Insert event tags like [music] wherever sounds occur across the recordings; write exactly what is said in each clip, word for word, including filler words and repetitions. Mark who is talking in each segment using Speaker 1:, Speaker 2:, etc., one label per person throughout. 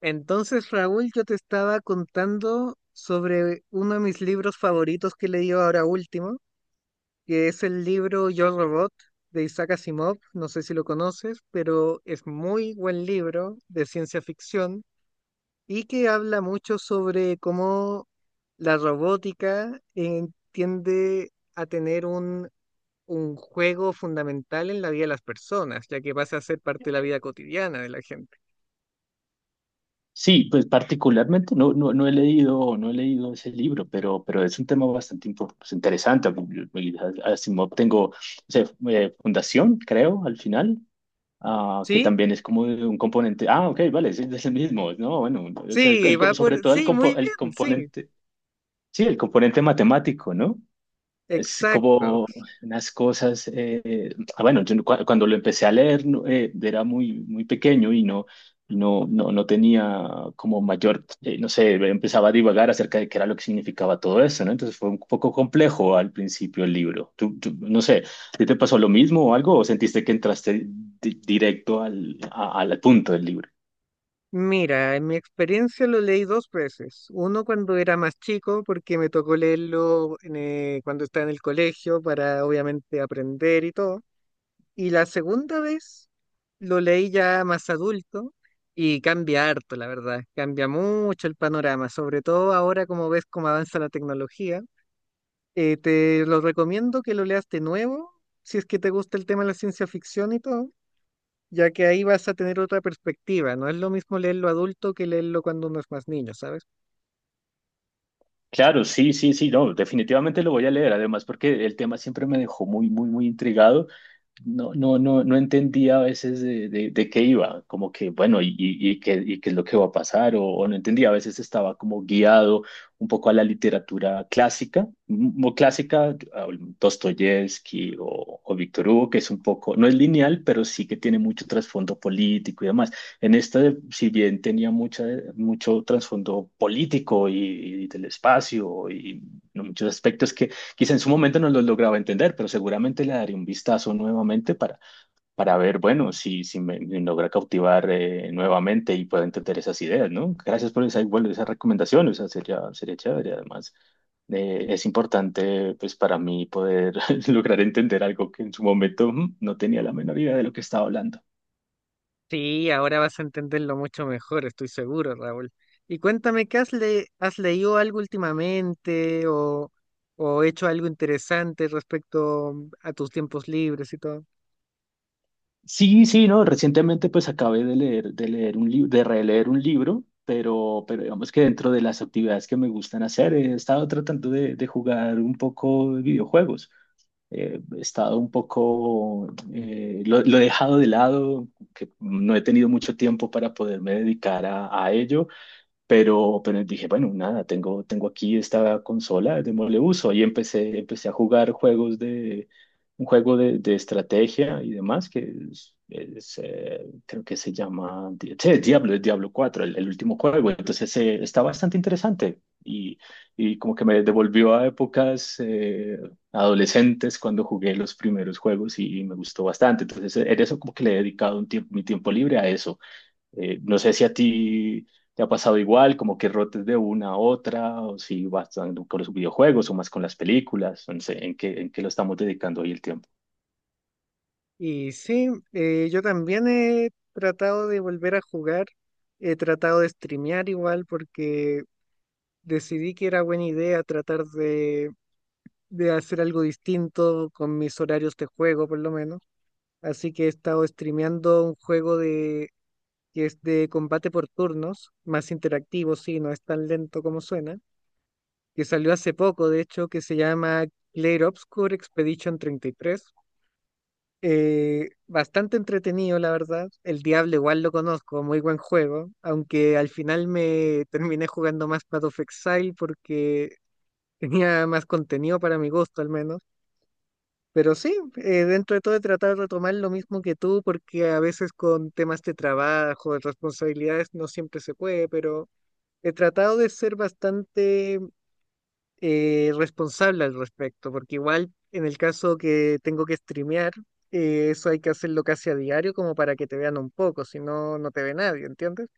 Speaker 1: Entonces, Raúl, yo te estaba contando sobre uno de mis libros favoritos que he leído ahora último, que es el libro Yo Robot de Isaac Asimov. No sé si lo conoces, pero es muy buen libro de ciencia ficción y que habla mucho sobre cómo la robótica eh, tiende a tener un, un juego fundamental en la vida de las personas, ya que pasa a ser parte de la vida cotidiana de la gente.
Speaker 2: Sí, pues particularmente no, no, no he leído, no he leído ese libro, pero, pero es un tema bastante impo- pues, interesante. Y Asimov tengo o sea, eh, Fundación, creo, al final, ah, que
Speaker 1: ¿Sí?
Speaker 2: también es como de un componente. Ah, ok, vale, es, es el mismo, ¿no? Bueno, es el-
Speaker 1: Sí,
Speaker 2: el
Speaker 1: va
Speaker 2: co-
Speaker 1: por...
Speaker 2: sobre todo el,
Speaker 1: Sí, muy
Speaker 2: compo- el
Speaker 1: bien, sí.
Speaker 2: componente, sí, el componente matemático, ¿no? Es
Speaker 1: Exacto.
Speaker 2: como unas cosas, eh, ah, bueno, yo no- cua- cuando lo empecé a leer no, eh, era muy, muy pequeño y no, no, no, no tenía como mayor, eh, no sé, empezaba a divagar acerca de qué era lo que significaba todo eso, ¿no? Entonces fue un poco complejo al principio el libro. Tú, tú- no sé, ¿a ti te pasó lo mismo o algo o sentiste que entraste di- directo al, a- al punto del libro?
Speaker 1: Mira, en mi experiencia lo leí dos veces. Uno cuando era más chico, porque me tocó leerlo en, eh, cuando estaba en el colegio para obviamente aprender y todo. Y la segunda vez lo leí ya más adulto y cambia harto, la verdad. Cambia mucho el panorama, sobre todo ahora como ves cómo avanza la tecnología. Eh, te lo recomiendo que lo leas de nuevo, si es que te gusta el tema de la ciencia ficción y todo, ya que ahí vas a tener otra perspectiva. No es lo mismo leerlo adulto que leerlo cuando uno es más niño, ¿sabes?
Speaker 2: Claro, sí, sí, sí, no, definitivamente lo voy a leer, además porque el tema siempre me dejó muy, muy, muy intrigado. no, no, no, no entendía a veces de, de, de qué iba, como que, bueno, y, y, y qué, y qué es lo que va a pasar, o, o no entendía, a veces estaba como guiado un poco a la literatura clásica, muy clásica, a Dostoyevsky o, o Víctor Hugo, que es un poco, no es lineal, pero sí que tiene mucho trasfondo político y demás. En esta, si bien tenía mucha, mucho trasfondo político y, y del espacio y muchos aspectos que quizá en su momento no lo lograba entender, pero seguramente le daré un vistazo nuevamente para, para ver, bueno, si, si me, me logra cautivar eh, nuevamente y puedo entender esas ideas, ¿no? Gracias por esa, bueno, esa recomendación, o sea, sería, sería chévere. Además, eh, es importante, pues, para mí poder [laughs] lograr entender algo que en su momento mm, no tenía la menor idea de lo que estaba hablando.
Speaker 1: Sí, ahora vas a entenderlo mucho mejor, estoy seguro, Raúl. Y cuéntame, ¿qué has, le has leído algo últimamente o, o hecho algo interesante respecto a tus tiempos libres y todo?
Speaker 2: Sí, sí, no, recientemente pues acabé de leer, de leer un libro, de releer un libro, pero, pero digamos que dentro de las actividades que me gustan hacer, he estado tratando de, de jugar un poco de videojuegos. Eh, he estado un poco, eh, lo, lo he dejado de lado, que no he tenido mucho tiempo para poderme dedicar a, a ello, pero, pero dije, bueno, nada, tengo, tengo aquí esta consola, démosle uso. Y empecé, empecé a jugar juegos de, un juego de, de estrategia y demás, que es, es, eh, creo que se llama, Di- sí, Diablo, es Diablo cuatro el, el último juego. Entonces, eh, está bastante interesante y, y como que me devolvió a épocas eh, adolescentes cuando jugué los primeros juegos y me gustó bastante. Entonces, en eso como que le he dedicado un tiempo, mi tiempo libre a eso. Eh, no sé si a ti te ha pasado igual, como que rotes de una a otra, o si vas tanto con los videojuegos o más con las películas, no sé, en qué, en qué lo estamos dedicando hoy el tiempo.
Speaker 1: Y sí, eh, yo también he tratado de volver a jugar, he tratado de streamear igual porque decidí que era buena idea tratar de de hacer algo distinto con mis horarios de juego, por lo menos. Así que he estado streameando un juego de, que es de combate por turnos, más interactivo, sí, no es tan lento como suena, que salió hace poco, de hecho, que se llama Clair Obscur Expedition treinta y tres. Eh, bastante entretenido, la verdad. El Diablo igual lo conozco, muy buen juego, aunque al final me terminé jugando más Path of Exile porque tenía más contenido para mi gusto, al menos. Pero sí, eh, dentro de todo he tratado de retomar lo mismo que tú, porque a veces con temas de trabajo, de responsabilidades, no siempre se puede, pero he tratado de ser bastante eh, responsable al respecto, porque igual en el caso que tengo que streamear, eh, eso hay que hacerlo casi a diario como para que te vean un poco, si no, no te ve nadie, ¿entiendes?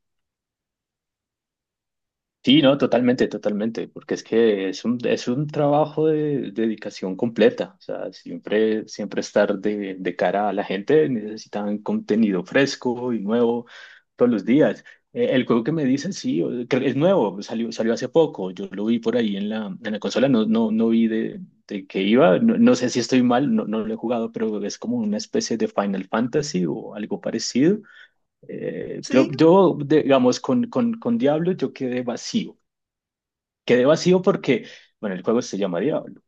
Speaker 2: Sí, no, totalmente, totalmente, porque es que es un, es un trabajo de, dedicación completa, o sea, siempre, siempre estar de, de cara a la gente, necesitan contenido fresco y nuevo todos los días. Eh, el juego que me dices, sí, o- creo que es nuevo, salió, salió hace poco, yo lo vi por ahí en la, en la consola, no, no, no vi de, de qué iba, no, no sé si estoy mal, no, no lo he jugado, pero es como una especie de Final Fantasy o algo parecido. Eh, yo,
Speaker 1: Sí,
Speaker 2: yo, digamos, con, con, con Diablo yo quedé vacío. Quedé vacío porque, bueno, el juego se llama Diablo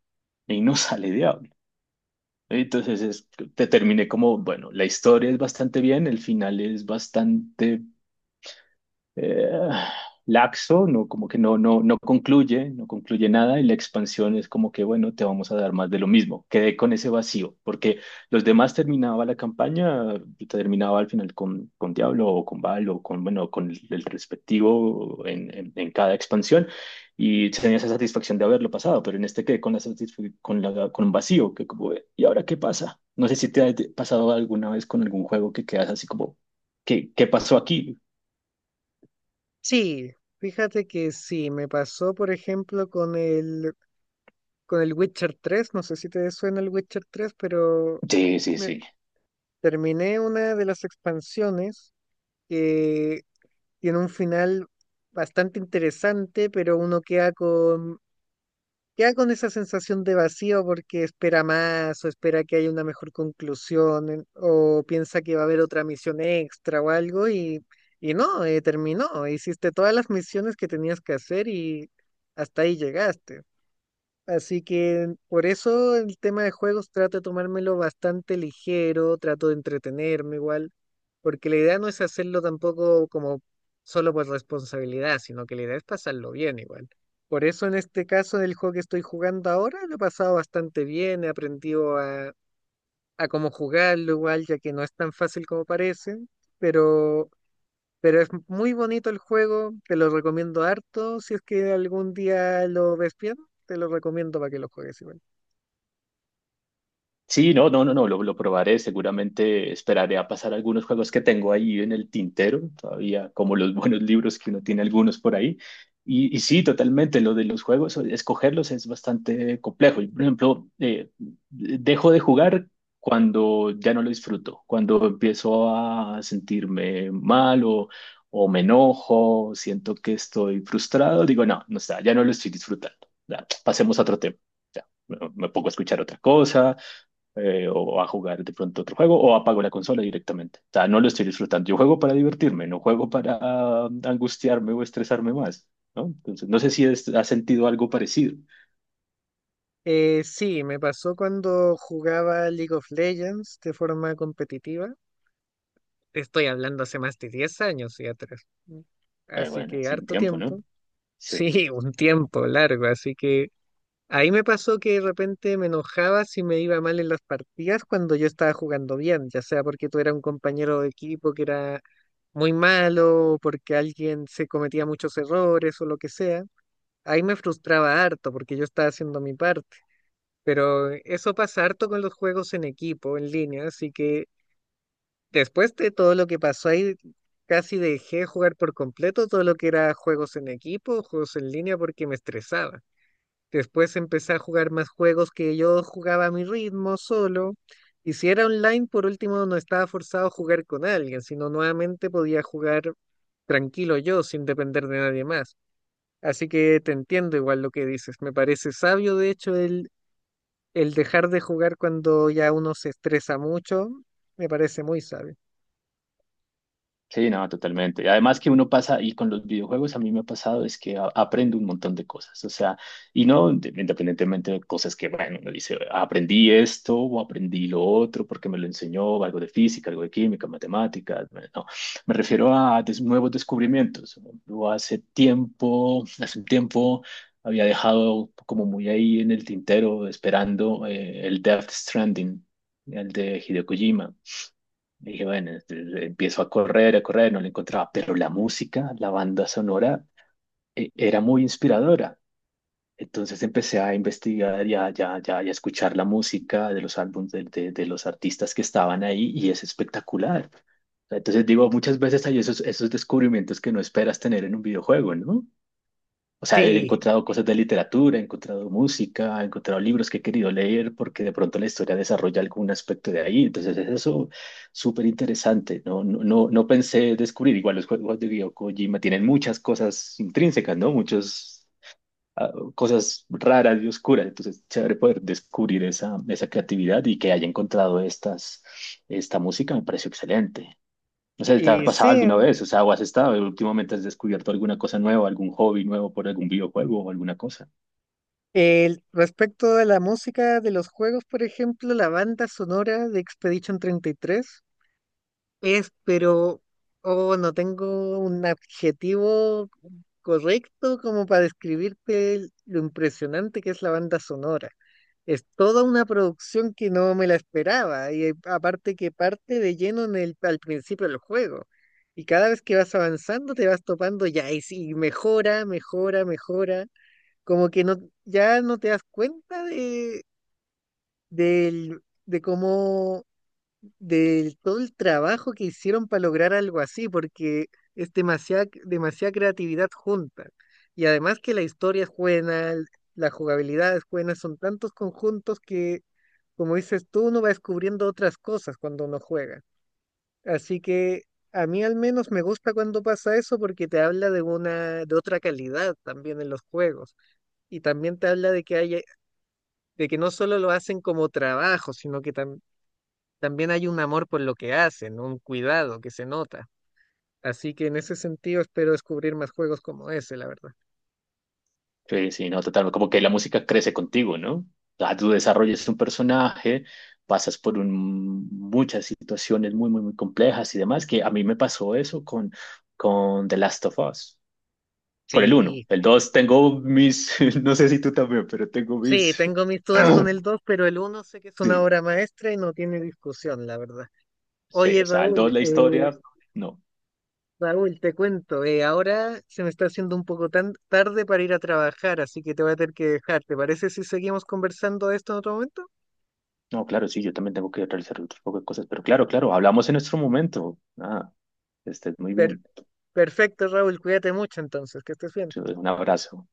Speaker 2: y no [laughs] sale Diablo. Entonces es- te terminé como, bueno, la historia es bastante bien, el final es bastante eh, laxo, no, como que no, no, no concluye, no concluye nada y la expansión es como que, bueno, te vamos a dar más de lo mismo. Quedé con ese vacío, porque los demás terminaba la campaña, yo terminaba al final con, con Diablo o con Val o con, bueno, con el, el respectivo en, en, en cada expansión y tenía esa satisfacción de haberlo pasado, pero en este quedé con la satisf- con la, con un vacío, que como, ¿y ahora qué pasa? No sé si te ha pasado alguna vez con algún juego que quedas así como, ¿qué, qué pasó aquí?
Speaker 1: sí. Fíjate que sí, me pasó, por ejemplo, con el, con el Witcher tres, no sé si te suena el Witcher tres, pero...
Speaker 2: Sí, sí,
Speaker 1: Me
Speaker 2: sí.
Speaker 1: terminé una de las expansiones que tiene un final bastante interesante, pero uno queda con, queda con esa sensación de vacío porque espera más o espera que haya una mejor conclusión en- o piensa que va a haber otra misión extra o algo y, y no, eh, terminó. Hiciste todas las misiones que tenías que hacer y hasta ahí llegaste. Así que por eso el tema de juegos trato de tomármelo bastante ligero, trato de entretenerme igual, porque la idea no es hacerlo tampoco como solo por responsabilidad, sino que la idea es pasarlo bien igual. Por eso en este caso del juego que estoy jugando ahora lo he pasado bastante bien, he aprendido a, a cómo jugarlo igual, ya que no es tan fácil como parece, pero, pero es muy bonito el juego, te lo recomiendo harto, si es que algún día lo ves bien, te lo recomiendo para que lo juegues igual.
Speaker 2: Sí, no, no, no, no, lo, lo probaré. Seguramente esperaré a pasar algunos juegos que tengo ahí en el tintero, todavía como los [laughs] buenos libros que uno tiene algunos por ahí. Y, y sí, totalmente, lo de los juegos, o- escogerlos es bastante complejo. Yo, por ejemplo, eh, dejo de jugar cuando ya no lo disfruto, cuando empiezo a sentirme mal o, o me enojo, siento que estoy frustrado, digo, no, no está, ya no lo estoy disfrutando. Ya, pasemos a otro tema. Ya, me me pongo a escuchar otra cosa eh, o a jugar de pronto otro juego o apago la consola directamente. O sea, no lo estoy disfrutando. Yo juego para divertirme, no juego para ah, angustiarme o estresarme más, ¿no? Entonces, no sé si has has sentido algo parecido.
Speaker 1: Eh, sí, me pasó cuando jugaba League of Legends de forma competitiva. Te estoy hablando hace más de diez años y atrás. Mm.
Speaker 2: Eh,
Speaker 1: Así
Speaker 2: bueno,
Speaker 1: que
Speaker 2: hace un
Speaker 1: harto
Speaker 2: tiempo, ¿no?
Speaker 1: tiempo.
Speaker 2: Sí.
Speaker 1: Sí, [laughs] un tiempo largo. Así que ahí me pasó que de repente me enojaba si me iba mal en las partidas cuando yo estaba jugando bien, ya sea porque tú eras un compañero de equipo que era muy malo, o porque alguien se cometía muchos errores o lo que sea. Ahí me frustraba harto porque yo estaba haciendo mi parte, pero eso pasa harto con los juegos en equipo, en línea, así que después de todo lo que pasó ahí, casi dejé jugar por completo todo lo que era juegos en equipo, juegos en línea, porque me estresaba. Después empecé a jugar más juegos que yo jugaba a mi ritmo, solo. Y si era online, por último, no estaba forzado a jugar con alguien, sino nuevamente podía jugar tranquilo yo, sin depender de nadie más. Así que te entiendo igual lo que dices. Me parece sabio, de hecho, el el dejar de jugar cuando ya uno se estresa mucho, me parece muy sabio.
Speaker 2: Sí, no, totalmente. Y además que uno pasa, y con los videojuegos a mí me ha pasado, es que a- aprendo un montón de cosas, o sea, y no inde- independientemente de cosas que, bueno, uno dice, aprendí esto o aprendí lo otro porque me lo enseñó algo de física, algo de química, matemáticas, bueno, no, me refiero a des- nuevos descubrimientos. Yo hace tiempo, hace un tiempo había dejado como muy ahí en el tintero esperando eh, el Death Stranding, el de Hideo Kojima. Dije, bueno, este, empiezo a correr, a correr, no lo encontraba, pero la música, la banda sonora, eh, era muy inspiradora. Entonces empecé a investigar y a, ya, ya, ya escuchar la música de los álbumes de, de- de los artistas que estaban ahí y es espectacular. Entonces digo, muchas veces hay esos, esos descubrimientos que no esperas tener en un videojuego, ¿no? O sea, he
Speaker 1: Sí,
Speaker 2: encontrado cosas de literatura, he encontrado música, he encontrado libros que he querido leer porque de pronto la historia desarrolla algún aspecto de ahí. Entonces, es eso súper interesante. No, no, no, no pensé descubrir. Igual los juegos de Hideo Kojima tienen muchas cosas intrínsecas, ¿no? Muchas ah, cosas raras y oscuras. Entonces, chévere poder descubrir esa, esa creatividad y que haya encontrado estas, esta música me pareció excelente. O sea, ¿te ha
Speaker 1: y
Speaker 2: pasado
Speaker 1: sí,
Speaker 2: alguna vez? O sea, ¿o has estado últimamente has descubierto alguna cosa nueva, algún hobby nuevo por algún videojuego o alguna cosa?
Speaker 1: el, respecto a la música de los juegos, por ejemplo, la banda sonora de Expedition treinta y tres es, pero oh, no tengo un adjetivo correcto como para describirte el- lo impresionante que es la banda sonora. Es toda una producción que no me la esperaba y eh, aparte que parte de lleno en el, al principio del juego. Y cada vez que vas avanzando te vas topando ya y sí, mejora, mejora, mejora. Como que no, ya no te das cuenta de, del- de cómo del todo el trabajo que hicieron para lograr algo así, porque es demasiada, demasiada creatividad junta. Y además que la historia es buena, l- la jugabilidad es buena, son tantos conjuntos que, como dices tú, uno va descubriendo otras cosas cuando uno juega. Así que a mí al menos me gusta cuando pasa eso porque te habla de una, de otra calidad también en los juegos. Y también te habla de que hay, de que no solo lo hacen como trabajo, sino que tam- también hay un amor por lo que hacen, un cuidado que se nota. Así que en ese sentido espero descubrir más juegos como ese, la verdad.
Speaker 2: Sí, sí, no, total, como que la música crece contigo, ¿no? O sea, tú desarrollas un personaje, pasas por un- muchas situaciones muy, muy, muy complejas y demás, que a mí me pasó eso con, con The Last of Us, con el uno,
Speaker 1: Sí,
Speaker 2: el dos tengo mis, [laughs] no sé si tú también, pero tengo
Speaker 1: sí,
Speaker 2: mis...
Speaker 1: tengo mis dudas con el
Speaker 2: [clears throat]
Speaker 1: dos, pero el uno sé que es una
Speaker 2: Sí,
Speaker 1: obra maestra y no tiene discusión, la verdad.
Speaker 2: sí,
Speaker 1: Oye,
Speaker 2: o sea, el dos
Speaker 1: Raúl,
Speaker 2: la
Speaker 1: eh,
Speaker 2: historia, no.
Speaker 1: Raúl, te cuento, eh, ahora se me está haciendo un poco tan tarde para ir a trabajar, así que te voy a tener que dejar. ¿Te parece si seguimos conversando de esto en otro momento?
Speaker 2: No, claro, sí, yo también tengo que realizar otro poco de cosas, pero claro, claro, hablamos en nuestro momento. Ah, estés muy
Speaker 1: Per-
Speaker 2: bien.
Speaker 1: perfecto, Raúl, cuídate mucho entonces, que estés bien.
Speaker 2: Te doy un abrazo.